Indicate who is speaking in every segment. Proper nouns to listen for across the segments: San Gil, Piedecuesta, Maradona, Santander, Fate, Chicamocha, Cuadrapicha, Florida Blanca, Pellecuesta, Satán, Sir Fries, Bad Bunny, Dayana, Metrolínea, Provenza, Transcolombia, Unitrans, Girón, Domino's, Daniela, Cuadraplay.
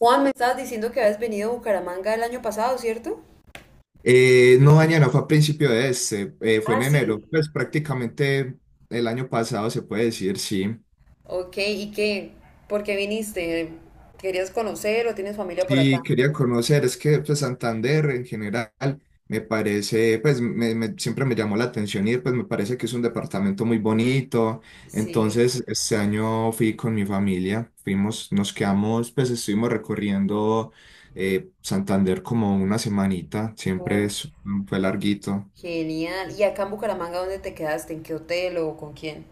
Speaker 1: Juan, me estabas diciendo que habías venido a Bucaramanga el año pasado, ¿cierto?
Speaker 2: No, Daniela, fue a principio de este, fue
Speaker 1: Ah,
Speaker 2: en enero,
Speaker 1: sí.
Speaker 2: pues prácticamente el año pasado se puede decir, sí.
Speaker 1: Ok, ¿y qué? ¿Por qué viniste? ¿Querías conocer o tienes familia por acá?
Speaker 2: Sí, quería conocer, es que pues, Santander en general me parece, pues siempre me llamó la atención y pues me parece que es un departamento muy bonito.
Speaker 1: Sí.
Speaker 2: Entonces, este año fui con mi familia, fuimos, nos quedamos, pues estuvimos recorriendo Santander como una semanita,
Speaker 1: Uf,
Speaker 2: fue larguito.
Speaker 1: genial. ¿Y acá en Bucaramanga dónde te quedaste? ¿En qué hotel o con quién?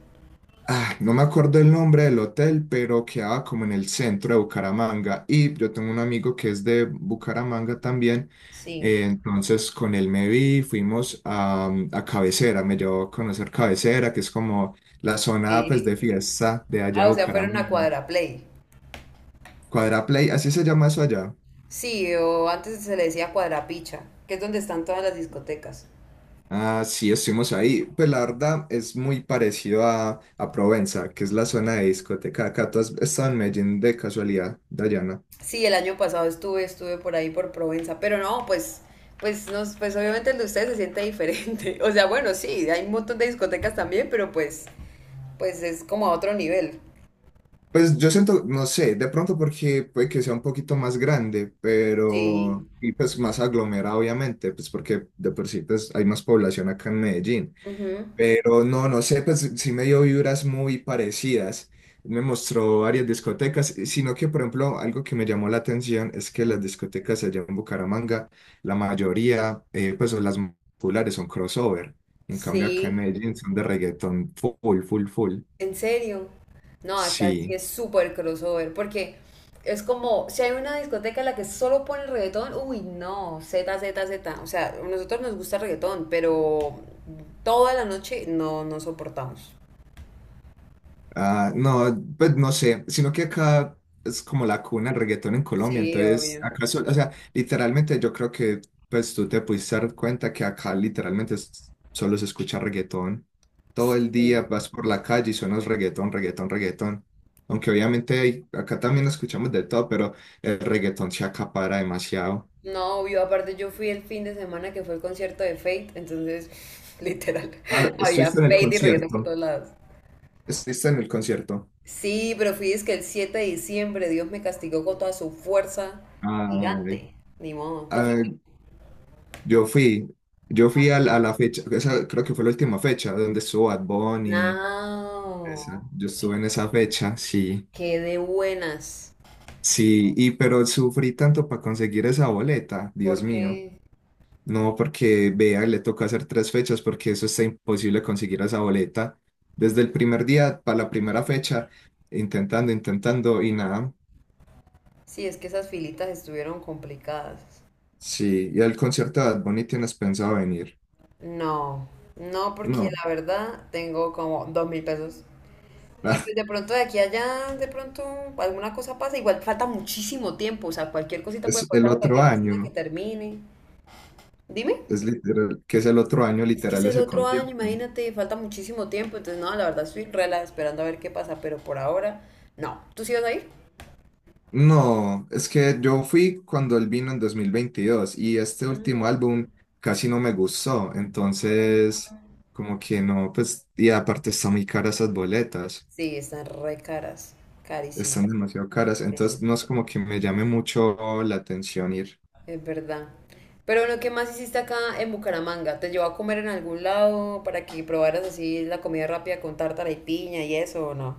Speaker 2: Ah, no me acuerdo el nombre del hotel, pero quedaba como en el centro de Bucaramanga. Y yo tengo un amigo que es de Bucaramanga también.
Speaker 1: Sí.
Speaker 2: Entonces con él me vi, fuimos a Cabecera, me llevó a conocer Cabecera, que es como la zona pues
Speaker 1: Sí.
Speaker 2: de fiesta de allá
Speaker 1: Ah,
Speaker 2: de
Speaker 1: o sea, fueron a
Speaker 2: Bucaramanga.
Speaker 1: Cuadraplay.
Speaker 2: Cuadraplay, así se llama eso allá.
Speaker 1: Sí, o antes se le decía Cuadrapicha, que es donde están todas las discotecas.
Speaker 2: Ah, sí, estuvimos ahí. Pues la verdad es muy parecido a Provenza, que es la zona de discoteca. Acá tú has estado en Medellín de casualidad, Dayana.
Speaker 1: Sí, el año pasado estuve por ahí por Provenza, pero no, pues obviamente el de ustedes se siente diferente. O sea, bueno, sí, hay un montón de discotecas también, pero pues es como a otro nivel.
Speaker 2: Pues yo siento, no sé, de pronto porque puede que sea un poquito más grande,
Speaker 1: Sí.
Speaker 2: pero, y pues más aglomerado, obviamente, pues porque de por sí pues hay más población acá en Medellín.
Speaker 1: Ujú.
Speaker 2: Pero no, no sé, pues sí me dio vibras muy parecidas. Me mostró varias discotecas, sino que, por ejemplo, algo que me llamó la atención es que las discotecas allá en Bucaramanga, la mayoría, pues son las más populares, son crossover. En cambio, acá en
Speaker 1: Sí,
Speaker 2: Medellín son de reggaetón full, full, full.
Speaker 1: en serio. No, acá sí
Speaker 2: Sí.
Speaker 1: es súper crossover, porque es como, si hay una discoteca en la que solo pone reggaetón, uy, no, Z, Z, Z. O sea, a nosotros nos gusta el reggaetón, pero toda la noche no, no soportamos.
Speaker 2: Ah, no, pues no sé, sino que acá es como la cuna del reggaetón en Colombia,
Speaker 1: Sí,
Speaker 2: entonces
Speaker 1: obvio.
Speaker 2: acá, o sea, literalmente yo creo que pues tú te pudiste dar cuenta que acá literalmente solo se escucha reggaetón. Todo el
Speaker 1: Sí.
Speaker 2: día vas por la calle y suenas reggaetón, reggaetón, reggaetón. Aunque obviamente acá también escuchamos de todo, pero el reggaetón se acapara demasiado.
Speaker 1: No, obvio, aparte yo fui el fin de semana que fue el concierto de Fate, entonces, literal,
Speaker 2: Ah,
Speaker 1: había
Speaker 2: estuviste en el
Speaker 1: Fate y reggaetón por
Speaker 2: concierto,
Speaker 1: todos lados.
Speaker 2: estuviste en el concierto.
Speaker 1: Sí, pero fui es que el 7 de diciembre Dios me castigó con toda su fuerza
Speaker 2: Ay,
Speaker 1: gigante. Ni modo. ¿Tú fuiste?
Speaker 2: ay, yo fui, yo fui a la fecha, esa creo que fue la última fecha donde estuvo Bad Bunny, esa,
Speaker 1: No,
Speaker 2: yo estuve en esa fecha, sí,
Speaker 1: qué de buenas.
Speaker 2: sí, y pero sufrí tanto para conseguir esa boleta, Dios
Speaker 1: Porque
Speaker 2: mío, no, porque vea, le toca hacer tres fechas porque eso está imposible conseguir esa boleta, desde el primer día para la primera fecha, intentando, intentando y nada,
Speaker 1: sí, es que esas filitas estuvieron complicadas.
Speaker 2: sí, ¿y al concierto de Bad Bunny tienes pensado venir?
Speaker 1: No, no, porque
Speaker 2: No,
Speaker 1: la verdad tengo como 2.000 pesos. Y pues de pronto de aquí a allá, de pronto alguna cosa pasa. Igual falta muchísimo tiempo, o sea, cualquier cosita puede
Speaker 2: es el
Speaker 1: pasar,
Speaker 2: otro
Speaker 1: cualquier persona que
Speaker 2: año.
Speaker 1: termine. Dime.
Speaker 2: Es literal, que es el otro año
Speaker 1: Es que es
Speaker 2: literal
Speaker 1: el
Speaker 2: ese
Speaker 1: otro año,
Speaker 2: concierto.
Speaker 1: imagínate, falta muchísimo tiempo. Entonces, no, la verdad estoy rela esperando a ver qué pasa, pero por ahora, no. ¿Tú sí vas a ir?
Speaker 2: No, es que yo fui cuando él vino en 2022 y este último
Speaker 1: Ah,
Speaker 2: álbum casi no me gustó, entonces como que no, pues, y aparte están muy caras esas boletas,
Speaker 1: sí, están re caras, carísimo,
Speaker 2: están demasiado caras,
Speaker 1: carísimo.
Speaker 2: entonces no es como que me llame mucho la atención ir.
Speaker 1: Es verdad. Pero bueno, ¿qué más hiciste acá en Bucaramanga? ¿Te llevó a comer en algún lado para que probaras así la comida rápida con tártara y piña y eso o no?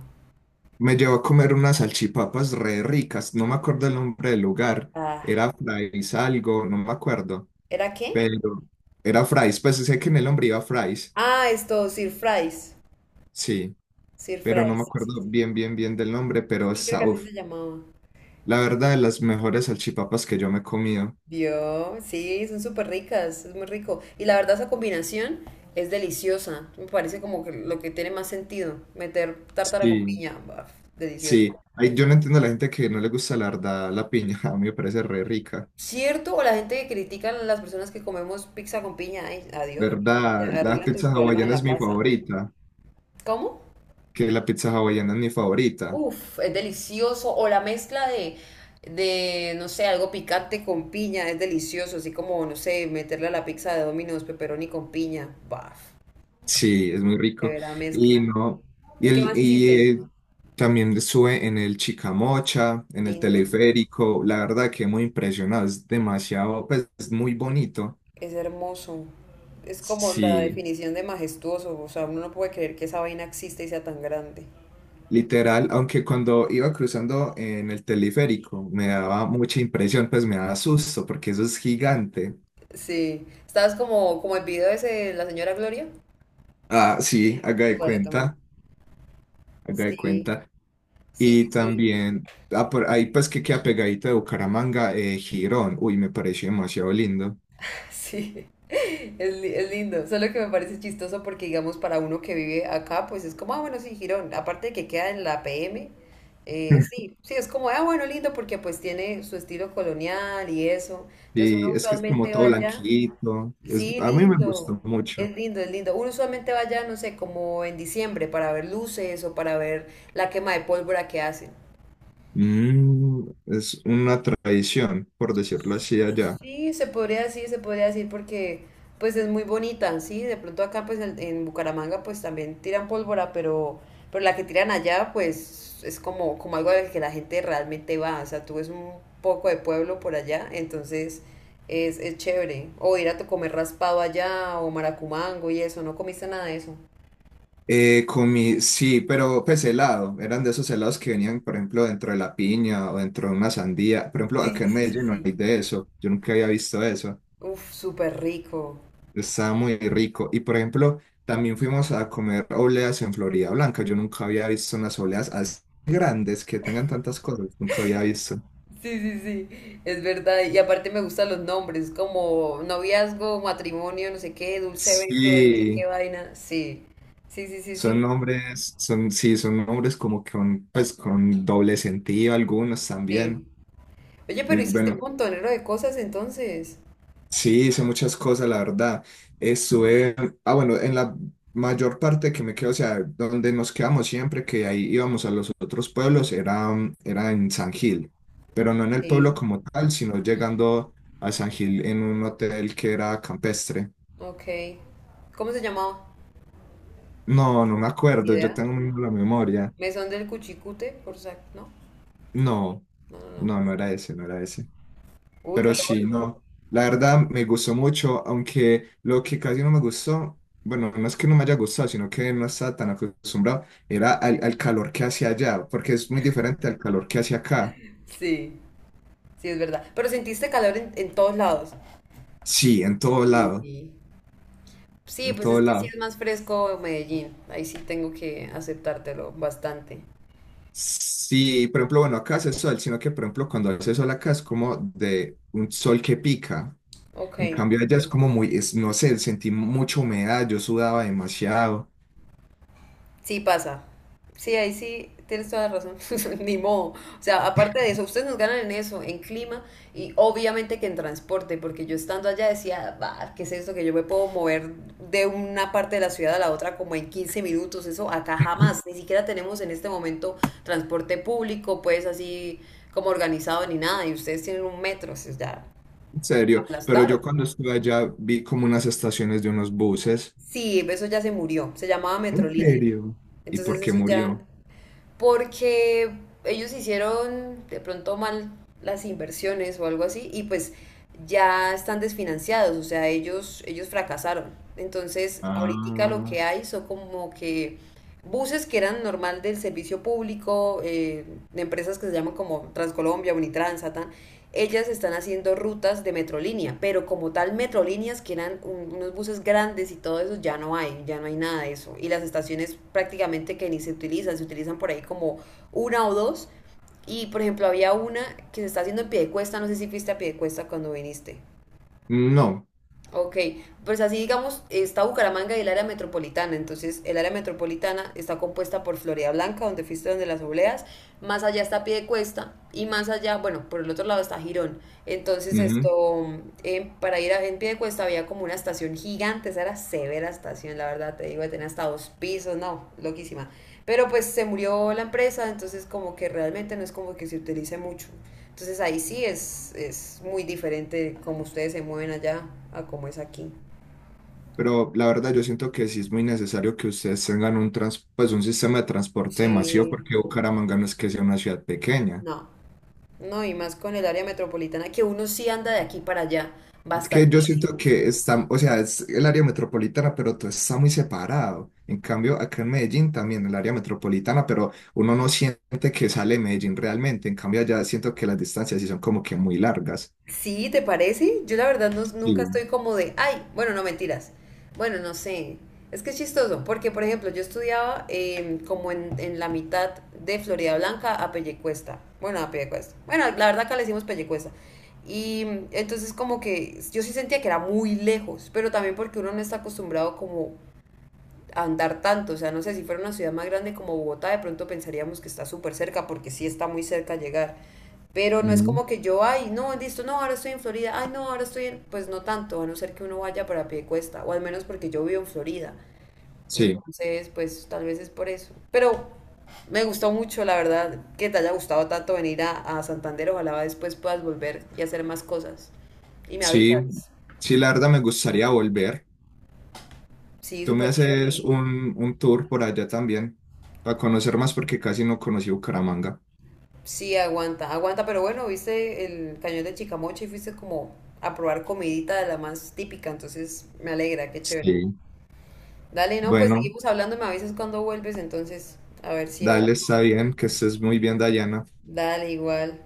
Speaker 2: Me llevó a comer unas salchipapas re ricas, no me acuerdo el nombre del lugar,
Speaker 1: Ah.
Speaker 2: era Fry's algo, no me acuerdo,
Speaker 1: ¿Era qué?
Speaker 2: pero era Fry's, pues sé que en el nombre iba Fry's.
Speaker 1: Ah, esto, Sir Fries.
Speaker 2: Sí,
Speaker 1: Sir
Speaker 2: pero no me
Speaker 1: Fries, sí, sí.
Speaker 2: acuerdo
Speaker 1: Sí,
Speaker 2: bien, bien, bien del nombre, pero
Speaker 1: sí, creo que
Speaker 2: esa,
Speaker 1: así
Speaker 2: uf,
Speaker 1: se llamaba.
Speaker 2: la verdad, de las mejores salchipapas que yo me he comido.
Speaker 1: Vio, sí, son súper ricas, es muy rico. Y la verdad esa combinación es deliciosa. Me parece como que lo que tiene más sentido, meter tártara con
Speaker 2: Sí,
Speaker 1: piña. Baf, delicioso.
Speaker 2: sí. Ay, yo no entiendo a la gente que no le gusta la verdad, la piña, a mí me parece re rica.
Speaker 1: ¿Cierto? O la gente que critica a las personas que comemos pizza con piña. Ay, adiós, amigo.
Speaker 2: ¿Verdad? La
Speaker 1: Arregla tus
Speaker 2: pizza
Speaker 1: problemas en
Speaker 2: hawaiana es
Speaker 1: la
Speaker 2: mi
Speaker 1: casa.
Speaker 2: favorita,
Speaker 1: ¿Cómo?
Speaker 2: que la pizza hawaiana es mi favorita.
Speaker 1: Uf, es delicioso. O la mezcla de, no sé, algo picante con piña, es delicioso. Así como, no sé, meterle a la pizza de Domino's pepperoni con piña. Baf,
Speaker 2: Sí, es muy
Speaker 1: de
Speaker 2: rico.
Speaker 1: verdad
Speaker 2: Y
Speaker 1: mezcla.
Speaker 2: no, y,
Speaker 1: ¿Qué
Speaker 2: el,
Speaker 1: más
Speaker 2: y
Speaker 1: hiciste?
Speaker 2: eh, también sube en el Chicamocha, en el
Speaker 1: Lindo.
Speaker 2: teleférico, la verdad que muy impresionado, es demasiado, pues es muy bonito.
Speaker 1: Es hermoso. Es como la
Speaker 2: Sí.
Speaker 1: definición de majestuoso. O sea, uno no puede creer que esa vaina exista y sea tan grande.
Speaker 2: Literal, aunque cuando iba cruzando en el teleférico me daba mucha impresión, pues me daba susto porque eso es gigante.
Speaker 1: Sí. ¿Estabas como el video ese de la señora Gloria?
Speaker 2: Ah, sí, haga de
Speaker 1: Igualito, muy.
Speaker 2: cuenta, haga de
Speaker 1: Sí,
Speaker 2: cuenta.
Speaker 1: sí,
Speaker 2: Y
Speaker 1: sí, sí.
Speaker 2: también, ah, por ahí pues que queda pegadito de Bucaramanga, Girón. Uy, me pareció demasiado lindo.
Speaker 1: Sí, es lindo, solo que me parece chistoso porque digamos para uno que vive acá, pues es como, ah, bueno, sí, Girón, aparte de que queda en la PM, sí, sí, es como, ah, bueno, lindo porque pues tiene su estilo colonial y eso, entonces uno
Speaker 2: Y es que es como
Speaker 1: usualmente va
Speaker 2: todo
Speaker 1: allá,
Speaker 2: blanquito. Es,
Speaker 1: sí,
Speaker 2: a mí me gustó
Speaker 1: lindo,
Speaker 2: mucho.
Speaker 1: es lindo, es lindo, uno usualmente va allá, no sé, como en diciembre para ver luces o para ver la quema de pólvora que hacen.
Speaker 2: Mm, es una tradición, por decirlo así, allá.
Speaker 1: Sí, se podría decir porque pues es muy bonita, sí, de pronto acá pues en, Bucaramanga pues también tiran pólvora, pero la que tiran allá pues es como algo al que la gente realmente va, o sea, tú ves un poco de pueblo por allá, entonces es chévere, o ir a comer raspado allá o maracumango y eso, no comiste nada de eso.
Speaker 2: Comí, sí, pero pues helado, eran de esos helados que venían, por ejemplo, dentro de la piña o dentro de una sandía. Por ejemplo,
Speaker 1: Sí,
Speaker 2: acá
Speaker 1: sí,
Speaker 2: en
Speaker 1: sí, sí,
Speaker 2: Medellín no hay
Speaker 1: sí.
Speaker 2: de eso, yo nunca había visto eso,
Speaker 1: Uf, súper rico.
Speaker 2: estaba muy rico. Y por ejemplo, también fuimos a comer obleas en Florida Blanca, yo nunca había visto unas obleas así grandes que tengan tantas cosas, nunca había visto.
Speaker 1: Sí, sí, sí, es verdad. Y aparte me gustan los nombres, como noviazgo, matrimonio, no sé qué, dulce beso, de no sé qué
Speaker 2: Sí,
Speaker 1: vaina. Sí, sí, sí, sí,
Speaker 2: son
Speaker 1: sí,
Speaker 2: nombres, son, sí, son nombres como con, pues, con doble sentido, algunos
Speaker 1: sí.
Speaker 2: también.
Speaker 1: Oye, pero
Speaker 2: Muy
Speaker 1: hiciste
Speaker 2: bueno,
Speaker 1: un montonero de cosas entonces.
Speaker 2: sí, hice muchas cosas, la verdad. Estuve, ah, bueno, en la mayor parte que me quedo, o sea, donde nos quedamos siempre, que ahí íbamos a los otros pueblos, era, era en San Gil, pero no en el pueblo
Speaker 1: Sí,
Speaker 2: como tal, sino llegando a San Gil en un hotel que era campestre.
Speaker 1: ok. ¿Cómo se llamaba?
Speaker 2: No, no me
Speaker 1: Ni
Speaker 2: acuerdo, yo
Speaker 1: idea.
Speaker 2: tengo muy mala memoria.
Speaker 1: Mesón del Cuchicute, por sac, ¿no?
Speaker 2: No,
Speaker 1: No, no, no.
Speaker 2: no, no era ese, no era ese.
Speaker 1: Uy,
Speaker 2: Pero
Speaker 1: pero
Speaker 2: sí,
Speaker 1: bueno.
Speaker 2: no, la verdad me gustó mucho, aunque lo que casi no me gustó, bueno, no es que no me haya gustado, sino que no estaba tan acostumbrado, era al calor que hacía allá, porque es muy diferente al calor que hace acá.
Speaker 1: Sí, sí, es verdad. Pero sentiste calor en todos lados.
Speaker 2: Sí, en todo lado,
Speaker 1: Uy. Sí,
Speaker 2: en
Speaker 1: pues es
Speaker 2: todo
Speaker 1: que sí
Speaker 2: lado.
Speaker 1: es más fresco Medellín. Ahí sí tengo que aceptártelo bastante.
Speaker 2: Sí, por ejemplo, bueno, acá hace sol, sino que por ejemplo cuando hace sol acá es como de un sol que pica.
Speaker 1: Ok,
Speaker 2: En cambio allá es como muy, no sé, sentí mucha humedad, yo sudaba demasiado.
Speaker 1: sí pasa. Sí, ahí sí tienes toda la razón. Ni modo. O sea, aparte de eso, ustedes nos ganan en eso, en clima y obviamente que en transporte, porque yo estando allá decía, "Bah, ¿qué es esto? Que yo me puedo mover de una parte de la ciudad a la otra como en 15 minutos. Eso acá jamás. Ni siquiera tenemos en este momento transporte público, pues así como organizado ni nada. Y ustedes tienen un metro, o sea, ya
Speaker 2: En serio, pero
Speaker 1: aplastaron.
Speaker 2: yo cuando estuve allá vi como unas estaciones de unos buses.
Speaker 1: Sí, eso ya se murió, se llamaba
Speaker 2: ¿En
Speaker 1: Metrolínea.
Speaker 2: serio? ¿Y por
Speaker 1: Entonces
Speaker 2: qué
Speaker 1: eso ya,
Speaker 2: murió?
Speaker 1: porque ellos hicieron de pronto mal las inversiones o algo así y pues ya están desfinanciados, o sea, ellos fracasaron. Entonces, ahorita lo
Speaker 2: Ah,
Speaker 1: que hay son como que buses que eran normal del servicio público, de empresas que se llaman como Transcolombia, Unitrans, Satán, ellas están haciendo rutas de metrolínea, pero como tal metrolíneas que eran unos buses grandes y todo eso, ya no hay nada de eso. Y las estaciones prácticamente que ni se utilizan, se utilizan por ahí como una o dos. Y por ejemplo, había una que se está haciendo en Piedecuesta, no sé si fuiste a Piedecuesta cuando viniste.
Speaker 2: no.
Speaker 1: Ok, pues así digamos, está Bucaramanga y el área metropolitana. Entonces, el área metropolitana está compuesta por Florida Blanca, donde fuiste donde las obleas, más allá está Piedecuesta y más allá, bueno, por el otro lado está Girón. Entonces,
Speaker 2: Ujú.
Speaker 1: esto, para ir en Piedecuesta había como una estación gigante, esa era severa estación, la verdad, te digo, tenía hasta dos pisos, no, loquísima. Pero pues se murió la empresa, entonces como que realmente no es como que se utilice mucho. Entonces ahí sí es muy diferente cómo ustedes se mueven allá a cómo es aquí.
Speaker 2: Pero la verdad yo siento que sí es muy necesario que ustedes tengan un trans, pues un sistema de transporte demasiado,
Speaker 1: Sí,
Speaker 2: porque Bucaramanga no es que sea una ciudad pequeña.
Speaker 1: no, no, y más con el área metropolitana que uno sí anda de aquí para allá,
Speaker 2: Es que yo siento
Speaker 1: bastantísimo.
Speaker 2: que está, o sea, es el área metropolitana, pero todo está muy separado. En cambio, acá en Medellín también el área metropolitana, pero uno no siente que sale de Medellín realmente. En cambio, allá siento que las distancias sí son como que muy largas.
Speaker 1: Sí, ¿te parece? Yo la verdad nunca
Speaker 2: Y-
Speaker 1: estoy como de, ay, bueno, no mentiras. Bueno, no sé. Es que es chistoso, porque por ejemplo, yo estudiaba como en, la mitad de Florida Blanca a Pellecuesta. Bueno, a Pellecuesta. Bueno, la verdad acá le decimos Pellecuesta. Y entonces como que yo sí sentía que era muy lejos, pero también porque uno no está acostumbrado como andar tanto, o sea, no sé, si fuera una ciudad más grande como Bogotá, de pronto pensaríamos que está súper cerca, porque sí está muy cerca llegar, pero no es
Speaker 2: ujú.
Speaker 1: como que yo, ay, no, listo, no, ahora estoy en Florida, ay, no, ahora estoy en, pues no tanto, a no ser que uno vaya para cuesta o al menos porque yo vivo en Florida,
Speaker 2: Sí,
Speaker 1: entonces, pues tal vez es por eso, pero me gustó mucho, la verdad, que te haya gustado tanto venir a Santander, ojalá después puedas volver y hacer más cosas, y me
Speaker 2: sí,
Speaker 1: avisas,
Speaker 2: sí, la verdad me gustaría volver.
Speaker 1: sí,
Speaker 2: Tú me
Speaker 1: súper
Speaker 2: haces
Speaker 1: chévere.
Speaker 2: un tour por allá también para conocer más porque casi no conocí Bucaramanga.
Speaker 1: Sí, aguanta, aguanta, pero bueno, viste el cañón de Chicamocha y fuiste como a probar comidita de la más típica, entonces me alegra, qué chévere.
Speaker 2: Sí.
Speaker 1: Dale, no, pues
Speaker 2: Bueno,
Speaker 1: seguimos hablando, me avisas cuando vuelves, entonces, a ver si hay.
Speaker 2: dale, está bien, que estés muy bien, Dayana.
Speaker 1: Dale, igual.